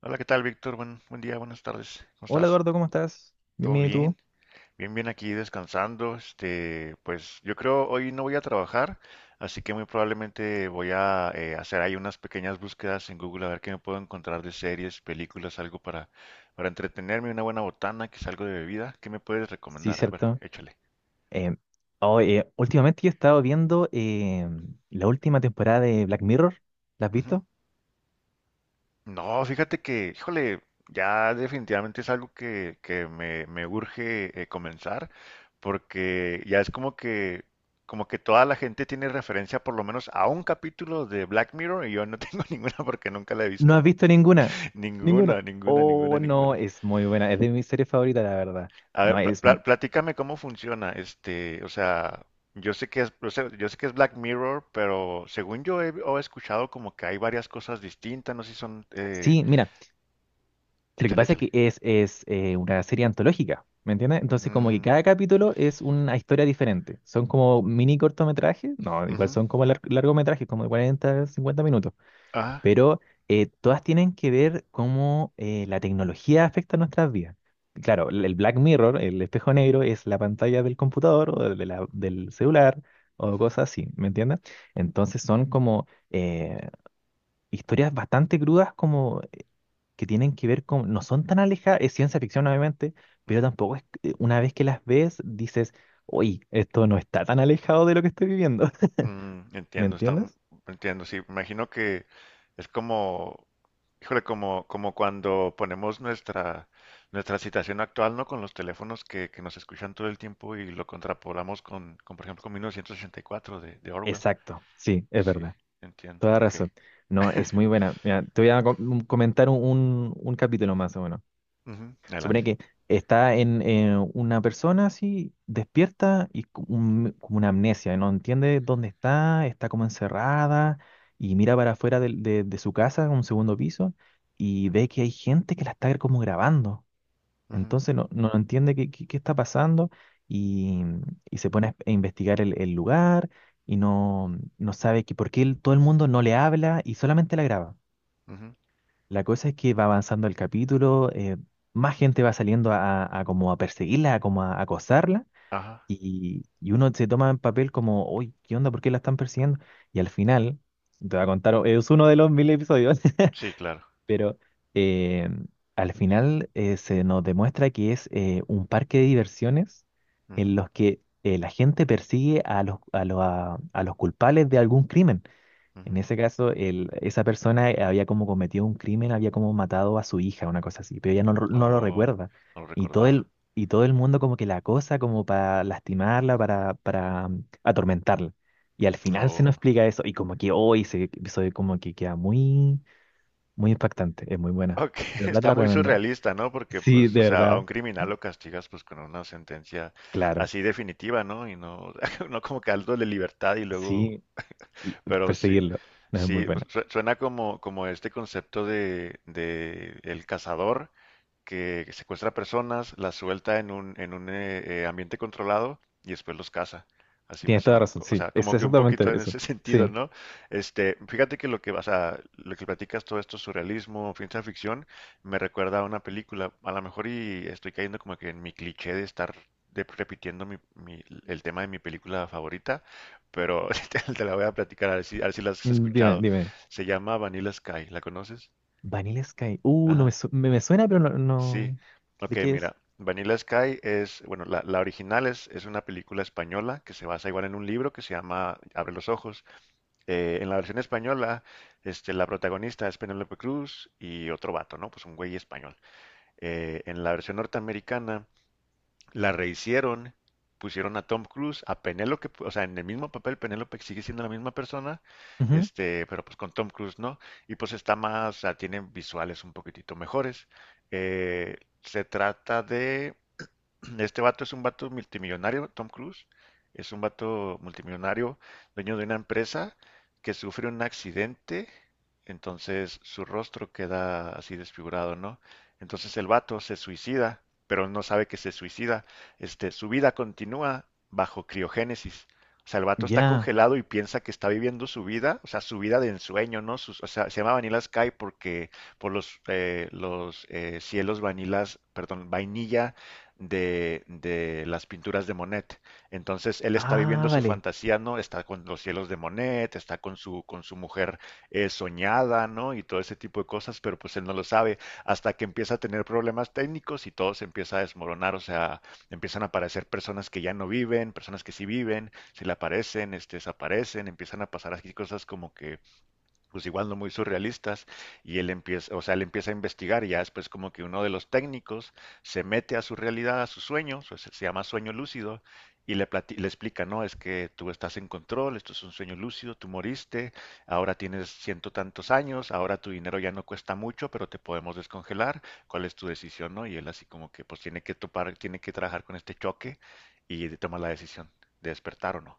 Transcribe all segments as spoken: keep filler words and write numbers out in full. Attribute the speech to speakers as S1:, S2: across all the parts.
S1: Hola, ¿qué tal, Víctor? Buen, buen día, buenas tardes. ¿Cómo
S2: Hola
S1: estás?
S2: Eduardo, ¿cómo estás? Bien,
S1: ¿Todo
S2: ¿y tú?
S1: bien? Bien, bien aquí descansando. Este, pues yo creo hoy no voy a trabajar, así que muy probablemente voy a eh, hacer ahí unas pequeñas búsquedas en Google a ver qué me puedo encontrar de series, películas, algo para, para entretenerme, una buena botana, que es algo de bebida. ¿Qué me puedes
S2: Sí,
S1: recomendar? A ver,
S2: cierto.
S1: échale.
S2: Em, oh, eh, últimamente yo he estado viendo em, la última temporada de Black Mirror. ¿La has visto?
S1: No, fíjate que, híjole, ya definitivamente es algo que, que me, me urge eh, comenzar, porque ya es como que, como que toda la gente tiene referencia por lo menos a un capítulo de Black Mirror y yo no tengo ninguna porque nunca la he
S2: No
S1: visto.
S2: has visto ninguna. Ninguna.
S1: Ninguna, ninguna, ninguna,
S2: Oh, no,
S1: ninguna.
S2: es muy buena. Es de mis series favoritas, la verdad.
S1: A ver,
S2: No,
S1: pla-
S2: es...
S1: pla-
S2: mu-
S1: platícame cómo funciona, este, o sea, yo sé que es, o sea, yo sé que es Black Mirror, pero según yo he, o he escuchado como que hay varias cosas distintas, no sé si son, eh,
S2: Sí, mira, lo que
S1: échale,
S2: pasa es
S1: échale.
S2: que es, es eh, una serie antológica, ¿me entiendes? Entonces como que
S1: Mm,
S2: cada capítulo es una historia diferente. Son como mini cortometrajes. No, igual
S1: ujú.
S2: son como lar- largometrajes, como de cuarenta, cincuenta minutos.
S1: Ah,
S2: Pero eh, todas tienen que ver cómo eh, la tecnología afecta nuestras vidas. Claro, el el Black Mirror, el espejo negro, es la pantalla del computador o de la- del celular o
S1: ujú,
S2: cosas así, ¿me entiendes? Entonces son como eh, historias bastante crudas como que tienen que ver con, no son tan alejadas, es ciencia ficción obviamente, pero
S1: ujú.
S2: tampoco es, que- una vez que las ves dices, uy, esto no está tan alejado de lo que estoy viviendo,
S1: Mm,
S2: ¿me
S1: entiendo, está,
S2: entiendes?
S1: entiendo, sí, imagino que es como, híjole, como, como cuando ponemos nuestra, nuestra situación actual, ¿no? Con los teléfonos que, que nos escuchan todo el tiempo y lo contrapolamos con, con, por ejemplo, con mil novecientos ochenta y cuatro de, de Orwell.
S2: Exacto, sí, es
S1: Sí,
S2: verdad.
S1: entiendo,
S2: Toda
S1: ok.
S2: razón. No, es muy buena. Mira, te voy a co- un- comentar un, un- un capítulo más o menos.
S1: Ujú, adelante.
S2: Supone que está en eh, una persona así, despierta y co- un- como una amnesia, no entiende dónde está, está como encerrada y mira para afuera del- de, de su casa, en un segundo piso, y ve que hay gente que la está como grabando.
S1: Ujú,
S2: Entonces no, no entiende qué, qué- qué está pasando y, y se pone a a investigar el, el lugar y no, no sabe que por qué el- todo el mundo no le habla y solamente la graba.
S1: ujú.
S2: La cosa es que va avanzando el capítulo, eh, más gente va saliendo a, a como a perseguirla, a como a acosarla
S1: Ajá,
S2: y, y uno se toma en papel como, uy, ¿qué onda? ¿Por qué la están persiguiendo? Y al final, te voy a contar, es uno de los mil episodios.
S1: sí, claro.
S2: Pero eh, al final eh, se nos demuestra que es eh, un parque de diversiones
S1: Ujú,
S2: en los que eh, la gente persigue a los, a los, a- a los culpables de algún crimen. En
S1: ujú.
S2: ese caso, el- esa persona eh, había como cometido un crimen, había como matado a su hija, una cosa así, pero ella no, lo- no lo
S1: Oh,
S2: recuerda.
S1: no lo
S2: Y todo
S1: recordaba.
S2: el, y todo el mundo como que la acosa como para lastimarla, para, para mm, atormentarla. Y al final se nos
S1: No.
S2: explica eso, y como que hoy se, se- como que queda muy, muy impactante, es muy buena.
S1: Ok,
S2: De verdad te
S1: está
S2: la
S1: muy
S2: recomiendo.
S1: surrealista, ¿no? Porque,
S2: Sí,
S1: pues, o
S2: de
S1: sea, a un
S2: verdad,
S1: criminal lo castigas, pues, con una sentencia
S2: claro.
S1: así definitiva, ¿no? Y no, no como que algo de libertad y luego,
S2: Sí, l-
S1: pero sí,
S2: perseguirlo. No es muy
S1: sí, pues,
S2: buena.
S1: su- suena como, como este concepto de, de el cazador, que secuestra personas, las suelta en un, en un eh, eh, ambiente controlado y después los caza. Así me
S2: Tienes toda la
S1: sonó.
S2: razón,
S1: Co- O
S2: sí.
S1: sea,
S2: Es
S1: como que un poquito
S2: exactamente
S1: en
S2: eso.
S1: ese sentido,
S2: Sí.
S1: ¿no? Este, fíjate que lo que, vas a lo que platicas todo esto, surrealismo, ciencia ficción, me recuerda a una película. A lo mejor y estoy cayendo como que en mi cliché de estar de- repitiendo mi- mi- el tema de mi película favorita, pero te, te la voy a platicar, a ver si, a ver si la has
S2: Mm, Dime,
S1: escuchado.
S2: dime.
S1: Se llama Vanilla Sky, ¿la conoces?
S2: Vanilla Sky. Uh, no me,
S1: Ajá.
S2: su- me, me suena, pero no,
S1: Sí,
S2: no.
S1: ok,
S2: ¿De qué es?
S1: mira, Vanilla Sky es, bueno, la, la original es, es una película española que se basa igual en un libro que se llama Abre los Ojos. Eh, en la versión española, este, la protagonista es Penélope Cruz y otro vato, ¿no? Pues un güey español. Eh, en la versión norteamericana la rehicieron, pusieron a Tom Cruise, a Penélope, o sea, en el mismo papel Penélope sigue siendo la misma persona,
S2: Ujú.
S1: este, pero pues con Tom Cruise, ¿no? Y pues está más, o sea, tiene visuales un poquitito mejores. Eh, se trata de este vato es un vato multimillonario, Tom Cruise. Es un vato multimillonario, dueño de una empresa que sufre un accidente, entonces su rostro queda así desfigurado, ¿no? Entonces el vato se suicida, pero no sabe que se suicida. Este, su vida continúa bajo criogénesis. O sea, el vato está
S2: Ya.
S1: congelado y piensa que está viviendo su vida, o sea, su vida de ensueño, ¿no? Sus- o sea, se llama Vanilla Sky porque por los, eh, los eh, cielos vanilas, perdón, vainilla de, de las pinturas de Monet. Entonces él está viviendo
S2: Ah,
S1: su
S2: vale.
S1: fantasía, ¿no? Está con los cielos de Monet, está con su, con su mujer eh, soñada, ¿no? Y todo ese tipo de cosas, pero pues él no lo sabe hasta que empieza a tener problemas técnicos y todo se empieza a desmoronar, o sea, empiezan a aparecer personas que ya no viven, personas que sí viven, se le aparecen, este, desaparecen, empiezan a pasar así cosas como que pues igual no muy surrealistas, y él empieza, o sea, él empieza a investigar, y ya después como que uno de los técnicos se mete a su realidad, a su sueño, o sea, se llama sueño lúcido, y le, plati- le explica, no, es que tú estás en control, esto es un sueño lúcido, tú moriste, ahora tienes ciento tantos años, ahora tu dinero ya no cuesta mucho, pero te podemos descongelar, ¿cuál es tu decisión, no? Y él así como que pues tiene que topar, tiene que trabajar con este choque y toma la decisión de despertar o no.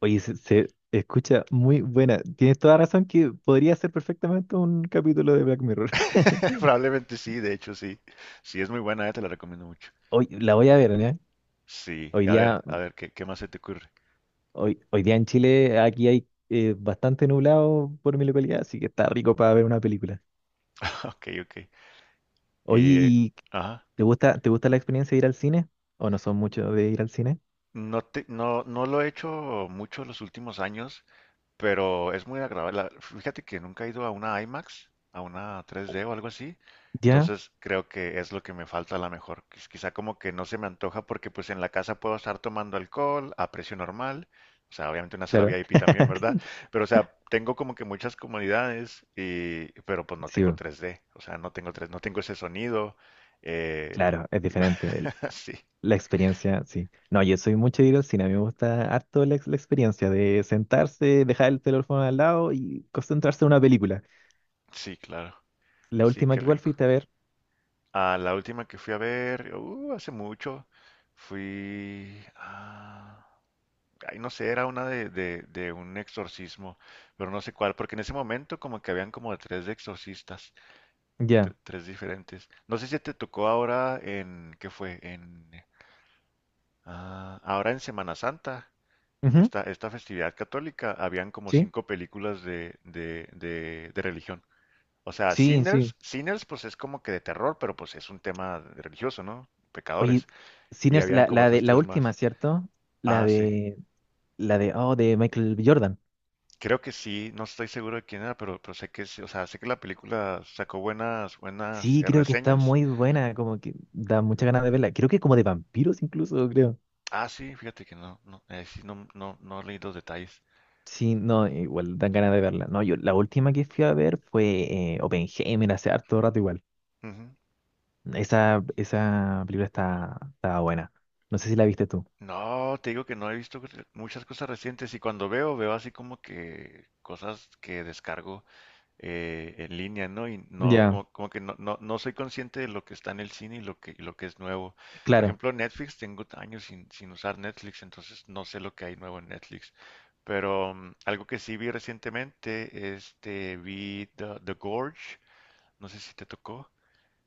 S2: Oye, se, se escucha muy buena. Tienes toda razón que podría ser perfectamente un capítulo de Black Mirror.
S1: Probablemente sí, de hecho sí. Sí, es muy buena, eh, te la recomiendo mucho.
S2: Hoy la voy a ver, ¿eh?
S1: Sí,
S2: Hoy
S1: a ver,
S2: día
S1: a ver, ¿qué, qué más se te ocurre?
S2: Hoy, hoy día en Chile, aquí hay eh, bastante nublado por mi localidad, así que está rico para ver una película.
S1: Ok, ok.
S2: Oye,
S1: Eh,
S2: ¿y
S1: ajá.
S2: te gusta, te gusta la experiencia de ir al cine? ¿O no son muchos de ir al cine?
S1: No te, no, no lo he hecho mucho los últimos años. Pero es muy agradable. La- Fíjate que nunca he ido a una IMAX, a una tres D o algo así.
S2: Ya,
S1: Entonces creo que es lo que me falta a lo mejor. Quiz- Quizá como que no se me antoja porque pues en la casa puedo estar tomando alcohol a precio normal. O sea, obviamente una sala
S2: claro.
S1: V I P también, ¿verdad? Pero o sea, tengo como que muchas comodidades y pero pues no
S2: Sí,
S1: tengo
S2: bo,
S1: tres D. O sea, no tengo tres no tengo ese sonido. eh,
S2: claro, es
S1: y-
S2: diferente. el-
S1: sí,
S2: La experiencia, sí. No, yo soy mucho de ir al cine. A mí me gusta harto la, ex- la experiencia de sentarse, dejar el teléfono al lado y concentrarse en una película.
S1: sí, claro.
S2: La
S1: Sí,
S2: última
S1: qué
S2: que igual
S1: rico.
S2: fuiste a ver.
S1: Ah, la última que fui a ver, uh, hace mucho, fui... ah, ay, no sé, era una de, de, de un exorcismo, pero no sé cuál, porque en ese momento como que habían como tres exorcistas, tre-
S2: Ya.
S1: tres diferentes. No sé si te tocó ahora en... ¿Qué fue? En... ah, ahora en Semana Santa,
S2: Ujú.
S1: esta, esta festividad católica, habían como
S2: Sí,
S1: cinco películas de, de, de, de religión. O sea,
S2: sí, sí.
S1: Sinners, Sinners pues es como que de terror, pero pues es un tema religioso, ¿no?
S2: Oye,
S1: Pecadores. Y
S2: Sinners,
S1: habían
S2: la,
S1: como
S2: la de
S1: otras
S2: la
S1: tres
S2: última,
S1: más.
S2: ¿cierto? La
S1: Ah, sí.
S2: de la de oh, de Michael B. Jordan.
S1: Creo que sí, no estoy seguro de quién era, pero, pero sé que sí, o sea, sé que la película sacó buenas, buenas
S2: Sí,
S1: eh,
S2: creo que está
S1: reseñas.
S2: muy buena, como que da muchas ganas de verla. Creo que como de vampiros incluso, creo.
S1: Ah, sí, fíjate que no, no, eh, sí, no, no, no leí los detalles.
S2: Sí, no, igual dan ganas de verla. No, yo la última que fui a ver fue eh, Oppenheimer hace harto rato igual.
S1: Ujú.
S2: Esa, esa película está, está buena. No sé si la viste tú.
S1: No, te digo que no he visto muchas cosas recientes y cuando veo, veo así como que cosas que descargo eh, en línea, ¿no? Y no,
S2: Ya,
S1: como, como que no, no, no soy consciente de lo que está en el cine y lo que, y lo que es nuevo. Por
S2: claro.
S1: ejemplo, Netflix, tengo años sin, sin usar Netflix, entonces no sé lo que hay nuevo en Netflix. Pero mm, algo que sí vi recientemente, este, vi The, The Gorge, no sé si te tocó.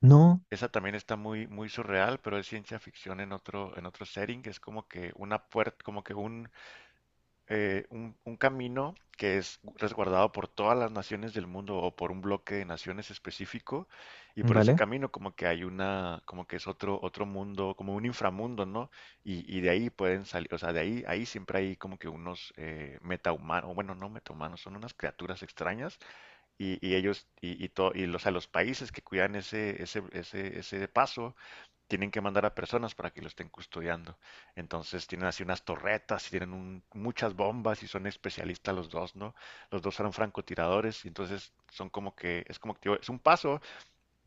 S2: No,
S1: Esa también está muy, muy surreal, pero es ciencia ficción en otro, en otro setting, que es como que una puerta, como que eh, un, un camino que es resguardado por todas las naciones del mundo o por un bloque de naciones específico y por ese
S2: vale.
S1: camino como que hay una, como que es otro, otro mundo, como un inframundo, ¿no? Y, y de ahí pueden salir, o sea, de ahí, ahí siempre hay como que unos eh, metahumanos, bueno, no metahumanos, son unas criaturas extrañas y, y ellos, y, y, to- y los, a los países que cuidan ese, ese, ese, ese paso tienen que mandar a personas para que lo estén custodiando. Entonces tienen así unas torretas y tienen un- muchas bombas y son especialistas los dos, ¿no? Los dos eran francotiradores y entonces son como que, es como que, tío, es un paso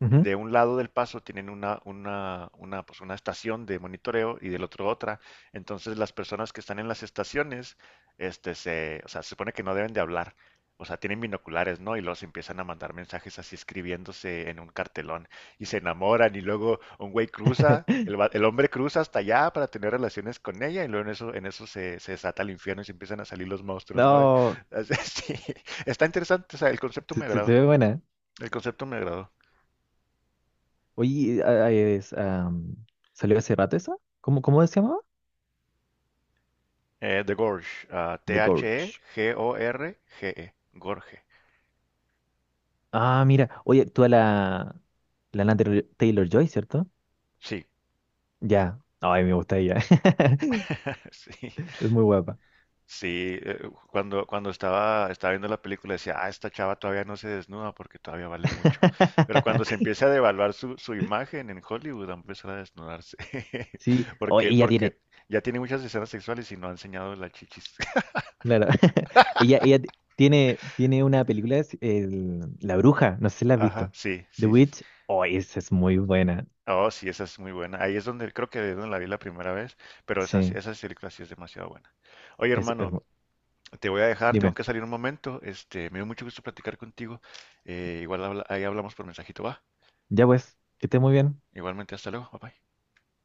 S2: Ujú.
S1: de un lado del paso tienen una, una, una, pues una estación de monitoreo y del otro otra. Entonces las personas que están en las estaciones, este, se, o sea, se supone que no deben de hablar. O sea, tienen binoculares, ¿no? Y los empiezan a mandar mensajes así escribiéndose en un cartelón y se enamoran y luego un güey cruza, el, va- el hombre cruza hasta allá para tener relaciones con ella y luego en eso, en eso se, se desata el infierno y se empiezan a salir los monstruos, ¿no?
S2: No,
S1: Así- sí. Está interesante, o sea, el concepto
S2: se,
S1: me
S2: se- se
S1: agradó,
S2: ve buena.
S1: el concepto me agradó.
S2: Oye, ah, eh, es, am, ¿salió hace rato esa? ¿Cómo, cómo se llamaba?
S1: Eh, The Gorge, ah,
S2: The Gorge.
S1: T H E G O R G E, Gorge.
S2: Ah, mira. Oye, tú la, la Lana Taylor Joy, ¿cierto?
S1: Sí,
S2: Ya. Ay, me gusta ella.
S1: sí,
S2: Es muy guapa.
S1: sí. Eh, cuando, cuando estaba, estaba viendo la película decía, ah, esta chava todavía no se desnuda porque todavía vale mucho. Pero cuando se empiece a devaluar su, su imagen en Hollywood, va a empezar a desnudarse.
S2: Sí. Oh,
S1: Porque,
S2: ella
S1: porque
S2: tiene,
S1: ya tiene muchas escenas sexuales y no ha enseñado las chichis.
S2: claro. Ella, ella t- tiene, tiene una película, es el- La Bruja. No sé si la has
S1: Ajá,
S2: visto.
S1: sí,
S2: The
S1: sí, sí. Sí.
S2: Witch. Oh, esa es muy buena.
S1: Oh, sí, esa es muy buena. Ahí es donde creo que es donde la vi la primera vez, pero esa, sí-
S2: Sí.
S1: esa película sí es demasiado buena. Oye,
S2: Es, es
S1: hermano,
S2: mu-
S1: te voy a dejar, tengo
S2: dime.
S1: que salir un momento. Este, me dio mucho gusto platicar contigo. Eh, igual habla- ahí hablamos por mensajito, va.
S2: Ya pues, que estés muy bien.
S1: Igualmente, hasta luego, bye bye.